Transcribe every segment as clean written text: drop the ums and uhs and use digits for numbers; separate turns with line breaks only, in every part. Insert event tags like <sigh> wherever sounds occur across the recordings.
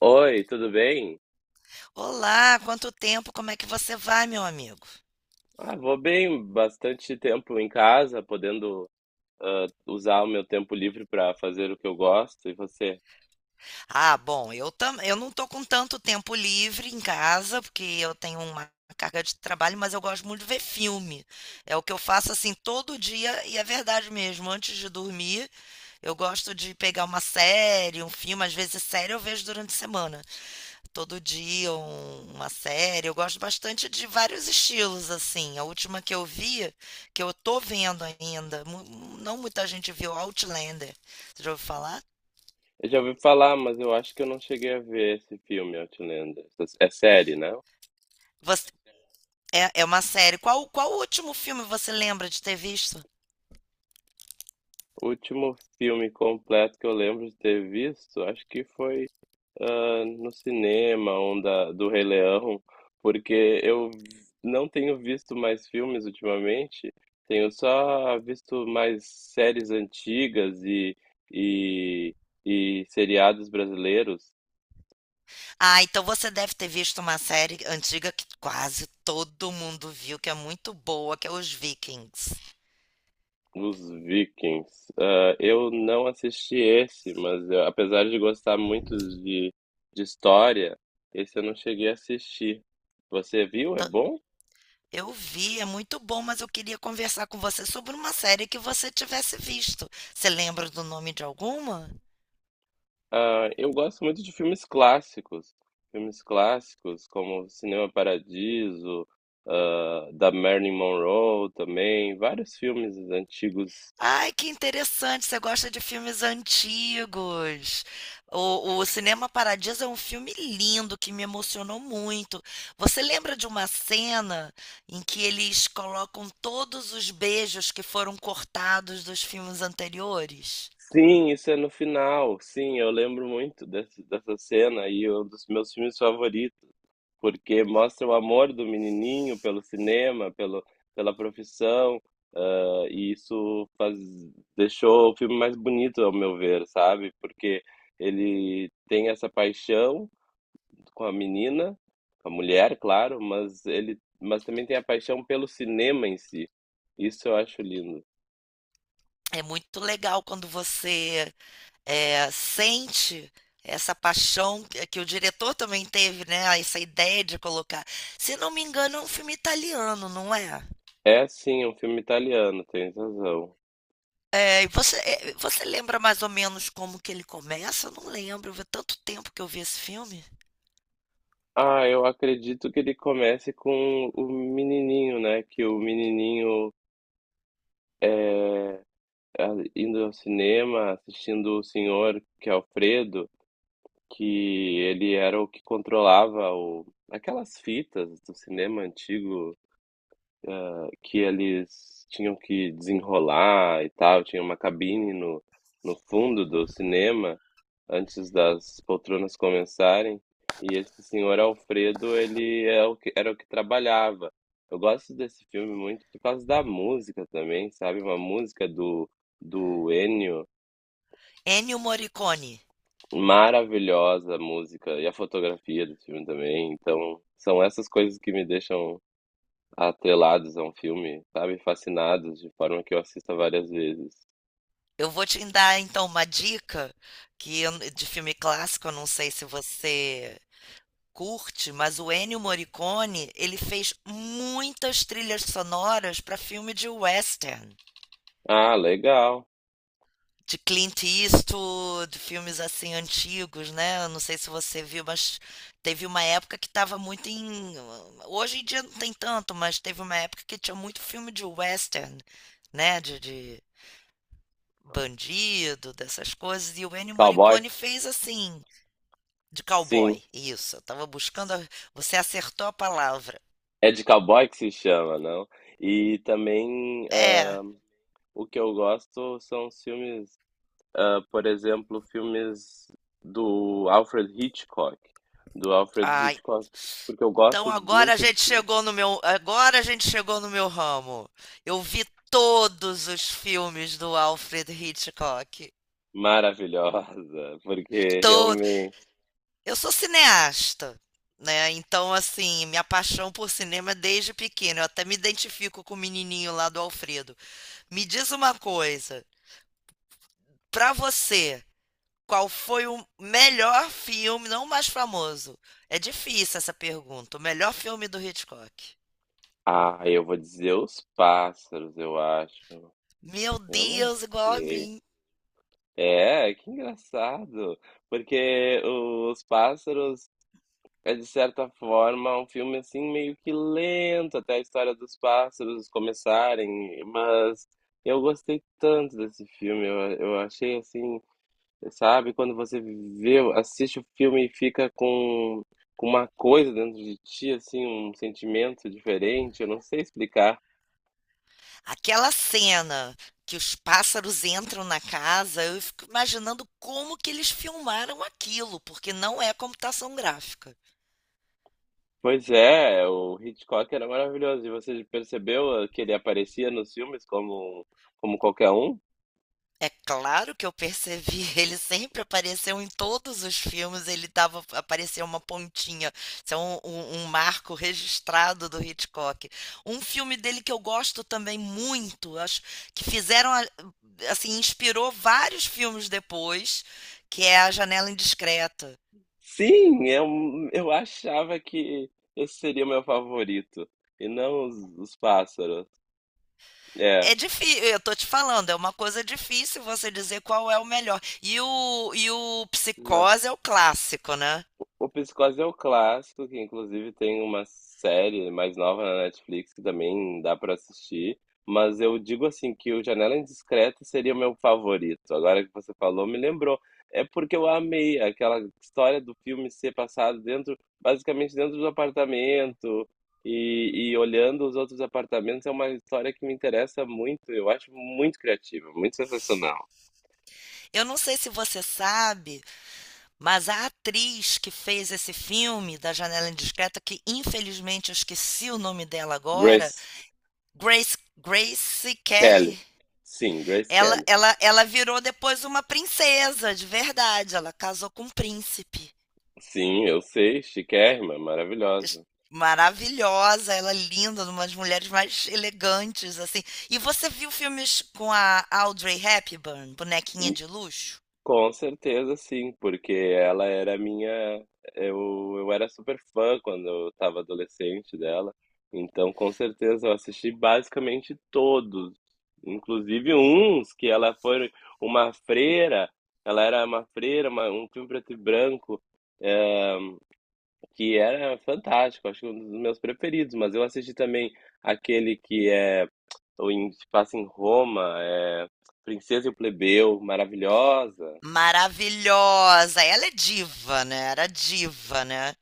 Oi, tudo bem?
Olá, quanto tempo? Como é que você vai, meu amigo?
Vou bem, bastante tempo em casa, podendo usar o meu tempo livre para fazer o que eu gosto. E você?
Ah, bom, eu não tô com tanto tempo livre em casa, porque eu tenho uma carga de trabalho, mas eu gosto muito de ver filme. É o que eu faço assim todo dia e é verdade mesmo, antes de dormir, eu gosto de pegar uma série, um filme, às vezes série eu vejo durante a semana. Todo dia uma série. Eu gosto bastante de vários estilos, assim. A última que eu vi, que eu tô vendo ainda, não muita gente viu, Outlander. Você já ouviu falar?
Eu já ouvi falar, mas eu acho que eu não cheguei a ver esse filme, Outlander. É série, né?
Você- é uma série. Qual o último filme você lembra de ter visto?
O último filme completo que eu lembro de ter visto, acho que foi no cinema, um do Rei Leão, porque eu não tenho visto mais filmes ultimamente, tenho só visto mais séries antigas e, e seriados brasileiros,
Ah, então você deve ter visto uma série antiga que quase todo mundo viu, que é muito boa, que é Os Vikings.
os Vikings. Ah, eu não assisti esse, mas apesar de gostar muito de, de história, esse eu não cheguei a assistir. Você viu? É
Então,
bom?
eu vi, é muito bom, mas eu queria conversar com você sobre uma série que você tivesse visto. Você lembra do nome de alguma?
Ah, eu gosto muito de filmes clássicos. Filmes clássicos como Cinema Paradiso, da Marilyn Monroe também, vários filmes antigos.
Ai, que interessante, você gosta de filmes antigos. O Cinema Paradiso é um filme lindo que me emocionou muito. Você lembra de uma cena em que eles colocam todos os beijos que foram cortados dos filmes anteriores?
Sim, isso é no final. Sim, eu lembro muito dessa cena e um dos meus filmes favoritos, porque mostra o amor do menininho pelo cinema, pela profissão. E isso faz, deixou o filme mais bonito, ao meu ver, sabe? Porque ele tem essa paixão com a menina, com a mulher, claro, mas ele, mas também tem a paixão pelo cinema em si. Isso eu acho lindo.
É muito legal quando você sente essa paixão que o diretor também teve, né? Essa ideia de colocar. Se não me engano, é um filme italiano, não é?
É sim, é um filme italiano, tem razão.
É, e você, você lembra mais ou menos como que ele começa? Eu não lembro, faz tanto tempo que eu vi esse filme.
Ah, eu acredito que ele comece com o menininho, né? Que o menininho indo ao cinema, assistindo o senhor, que é Alfredo, que ele era o que controlava o, aquelas fitas do cinema antigo, que eles tinham que desenrolar e tal, tinha uma cabine no fundo do cinema, antes das poltronas começarem, e esse senhor Alfredo, ele é o que, era o que trabalhava. Eu gosto desse filme muito por causa da música também, sabe? Uma música do Ennio.
Ennio Morricone.
Maravilhosa a música e a fotografia do filme também. Então, são essas coisas que me deixam atrelados a um filme, sabe? Fascinados, de forma que eu assista várias vezes.
Eu vou te dar então uma dica de filme clássico, eu não sei se você curte, mas o Ennio Morricone, ele fez muitas trilhas sonoras para filme de western.
Ah, legal.
De Clint Eastwood, filmes assim antigos, né? Eu não sei se você viu, mas teve uma época que estava muito em. Hoje em dia não tem tanto, mas teve uma época que tinha muito filme de western, né? De bandido, dessas coisas. E o Ennio
Cowboy?
Morricone fez assim, de
Sim.
cowboy. Isso, eu tava buscando. Você acertou a palavra.
É de cowboy que se chama, não? E também
É.
o que eu gosto são os filmes, por exemplo, filmes do Alfred Hitchcock. Do Alfred
Ai,
Hitchcock, porque eu
então
gosto
agora a
muito de
gente chegou no meu, agora a gente chegou no meu ramo. Eu vi todos os filmes do Alfred Hitchcock.
maravilhosa, porque
Todo.
realmente.
Eu sou cineasta, né? Então assim, minha paixão por cinema é desde pequeno. Eu até me identifico com o menininho lá do Alfredo. Me diz uma coisa, pra você, qual foi o melhor filme, não o mais famoso? É difícil essa pergunta. O melhor filme do Hitchcock.
Ah, eu vou dizer os pássaros, eu acho.
Meu
Eu não
Deus, igual a
sei.
mim.
É, que engraçado, porque os pássaros é de certa forma um filme assim meio que lento até a história dos pássaros começarem, mas eu gostei tanto desse filme, eu achei assim. Sabe? Quando você vê, assiste o filme e fica com uma coisa dentro de ti, assim, um sentimento diferente, eu não sei explicar.
Aquela cena que os pássaros entram na casa, eu fico imaginando como que eles filmaram aquilo, porque não é computação gráfica.
Pois é, o Hitchcock era maravilhoso. E você percebeu que ele aparecia nos filmes como, como qualquer um?
É claro que eu percebi, <laughs> ele sempre apareceu em todos os filmes, ele tava, apareceu uma pontinha, isso é um marco registrado do Hitchcock. Um filme dele que eu gosto também muito, acho que fizeram, assim, inspirou vários filmes depois, que é A Janela Indiscreta.
Sim, eu achava que esse seria o meu favorito, e não os pássaros. É,
É difícil, eu tô te falando, é uma coisa difícil você dizer qual é o melhor. E o
não.
Psicose é o clássico, né?
O Psicose é o clássico, que inclusive tem uma série mais nova na Netflix que também dá pra assistir, mas eu digo assim que o Janela Indiscreta seria o meu favorito. Agora que você falou, me lembrou. É porque eu amei aquela história do filme ser passado dentro, basicamente dentro do apartamento e olhando os outros apartamentos. É uma história que me interessa muito. Eu acho muito criativa, muito sensacional.
Eu não sei se você sabe, mas a atriz que fez esse filme da Janela Indiscreta, que infelizmente eu esqueci o nome dela agora,
Grace
Grace
Kelly.
Kelly,
Sim, Grace
ela,
Kelly.
ela, ela virou depois uma princesa, de verdade. Ela casou com um príncipe.
Sim, eu sei, chiquérrima,
es-
maravilhosa.
maravilhosa, ela é linda, uma das mulheres mais elegantes, assim. E você viu filmes com a Audrey Hepburn, bonequinha
Hum,
de luxo?
Com certeza, sim, porque ela era minha. Eu era super fã quando eu estava adolescente dela. Então, com certeza, eu assisti basicamente todos, inclusive uns que ela foi uma freira. Ela era uma freira, um filme preto e branco, eh, que era fantástico, acho que um dos meus preferidos. Mas eu assisti também aquele que é, ou em, se passa em Roma, é Princesa e o Plebeu, maravilhosa.
Maravilhosa, ela é diva, né? Era diva, né?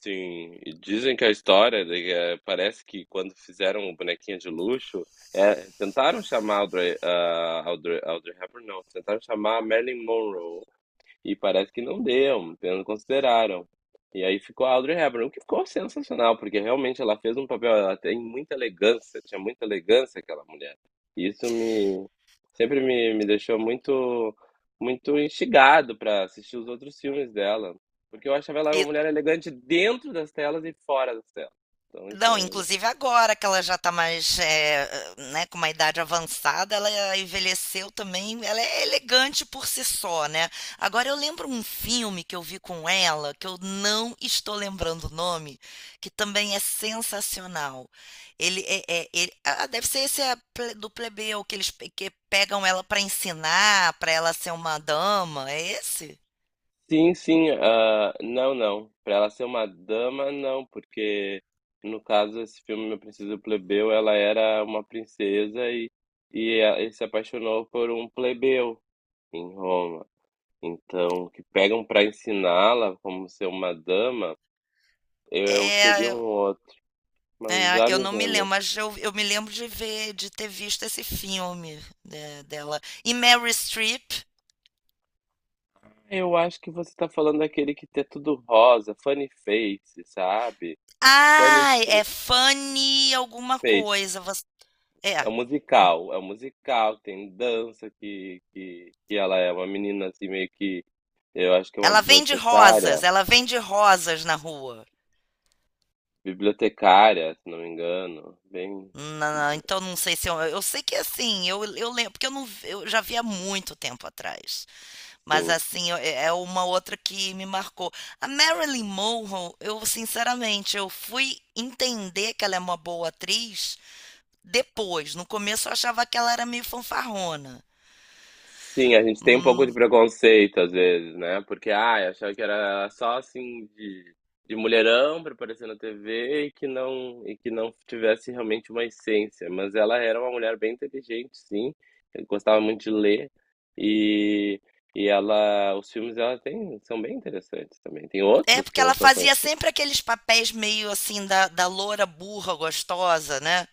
Sim, e dizem que a história de que, parece que quando fizeram o bonequinho de luxo, tentaram chamar Audrey Hepburn, não, tentaram chamar a Marilyn Monroe, e parece que não deu, então não consideraram. E aí ficou a Audrey Hepburn, o que ficou sensacional, porque realmente ela fez um papel, ela tem muita elegância, tinha muita elegância aquela mulher. E isso me deixou muito instigado para assistir os outros filmes dela, porque eu achava ela uma
E
mulher elegante dentro das telas e fora das telas. Então isso
Não,
era legal.
inclusive agora que ela já está mais, né, com uma idade avançada, ela envelheceu também, ela é elegante por si só, né? Agora eu lembro um filme que eu vi com ela, que eu não estou lembrando o nome, que também é sensacional. Ele deve ser esse é do plebeu que que pegam ela para ensinar, para ela ser uma dama, é esse?
Sim, sim. Não, não, para ela ser uma dama, não, porque no caso esse filme Meu Preciso Plebeu, ela era uma princesa e, ele se apaixonou por um plebeu em Roma. Então, o que pegam para ensiná-la como ser uma dama, eu seria um
É,
outro. Mas
É,
já
eu
me
não
vem
me
a
lembro,
mim.
mas eu me lembro de ter visto esse filme né, dela. E Mary Streep.
Eu acho que você tá falando daquele que tem tudo rosa, funny face, sabe? Funny
Ai, é
fa-
Fanny alguma
face.
coisa. É.
É um musical, tem dança que ela é uma menina assim meio que, eu acho que é uma bibliotecária,
Ela vende rosas na rua.
bibliotecária, se não me engano, bem
Então não sei se eu sei que assim, eu lembro, porque eu não vi- eu já vi há muito tempo atrás. Mas
sim.
assim, é uma outra que me marcou. A Marilyn Monroe, eu sinceramente, eu fui entender que ela é uma boa atriz. Depois, no começo eu achava que ela era meio fanfarrona.
Sim, a gente tem um pouco de
Hum,
preconceito às vezes, né? Porque, ai, achava que era só assim de mulherão pra aparecer na TV e que não tivesse realmente uma essência. Mas ela era uma mulher bem inteligente, sim. Eu gostava muito de ler e e ela, os filmes dela tem, são bem interessantes também. Tem
é,
outros
porque
que não
ela
são
fazia
conhecidos.
sempre aqueles papéis meio assim da loura burra gostosa, né?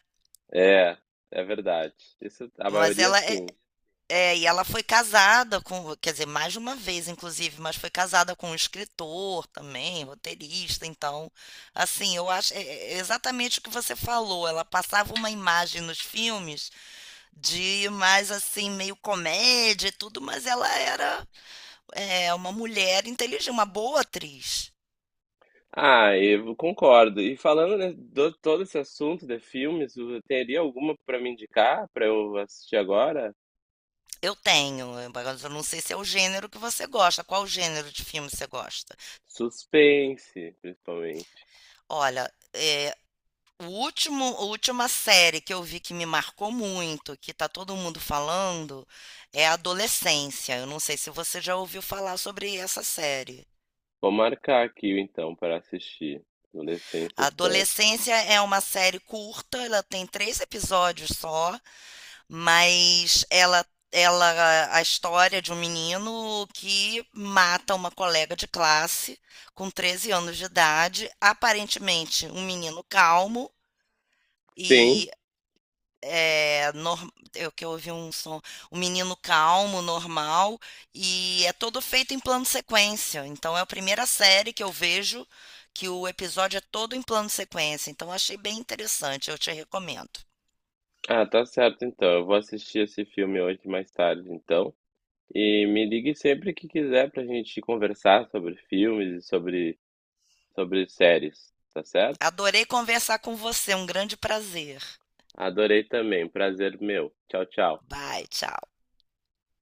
É, é verdade. Isso, a
Mas
maioria
ela é,
sim.
é, e ela foi casada com, quer dizer, mais de uma vez, inclusive, mas foi casada com um escritor também, roteirista, então, assim, eu acho é exatamente o que você falou. Ela passava uma imagem nos filmes de mais assim, meio comédia e tudo, mas ela era uma mulher inteligente, uma boa atriz.
Ah, eu concordo. E falando, né, do todo esse assunto de filmes, o- teria alguma para me indicar para eu assistir agora?
Eu tenho, eu não sei se é o gênero que você gosta, qual gênero de filme você gosta.
Suspense, principalmente.
Olha, a última série que eu vi que me marcou muito, que tá todo mundo falando, é Adolescência. Eu não sei se você já ouviu falar sobre essa série.
Vou marcar aqui então para assistir. Adolescência série.
Adolescência é uma série curta, ela tem três episódios só. Mas a história de um menino que mata uma colega de classe com 13 anos de idade, aparentemente um menino calmo
Sim.
e eu que eu ouvi um som, um menino calmo, normal, e é todo feito em plano sequência. Então é a primeira série que eu vejo que o episódio é todo em plano sequência. Então achei bem interessante, eu te recomendo.
Ah, tá certo então. Eu vou assistir esse filme hoje mais tarde, então. E me ligue sempre que quiser pra gente conversar sobre filmes e sobre sobre séries, tá certo?
Adorei conversar com você, um grande prazer.
Adorei também. Prazer meu. Tchau, tchau.
Bye, tchau.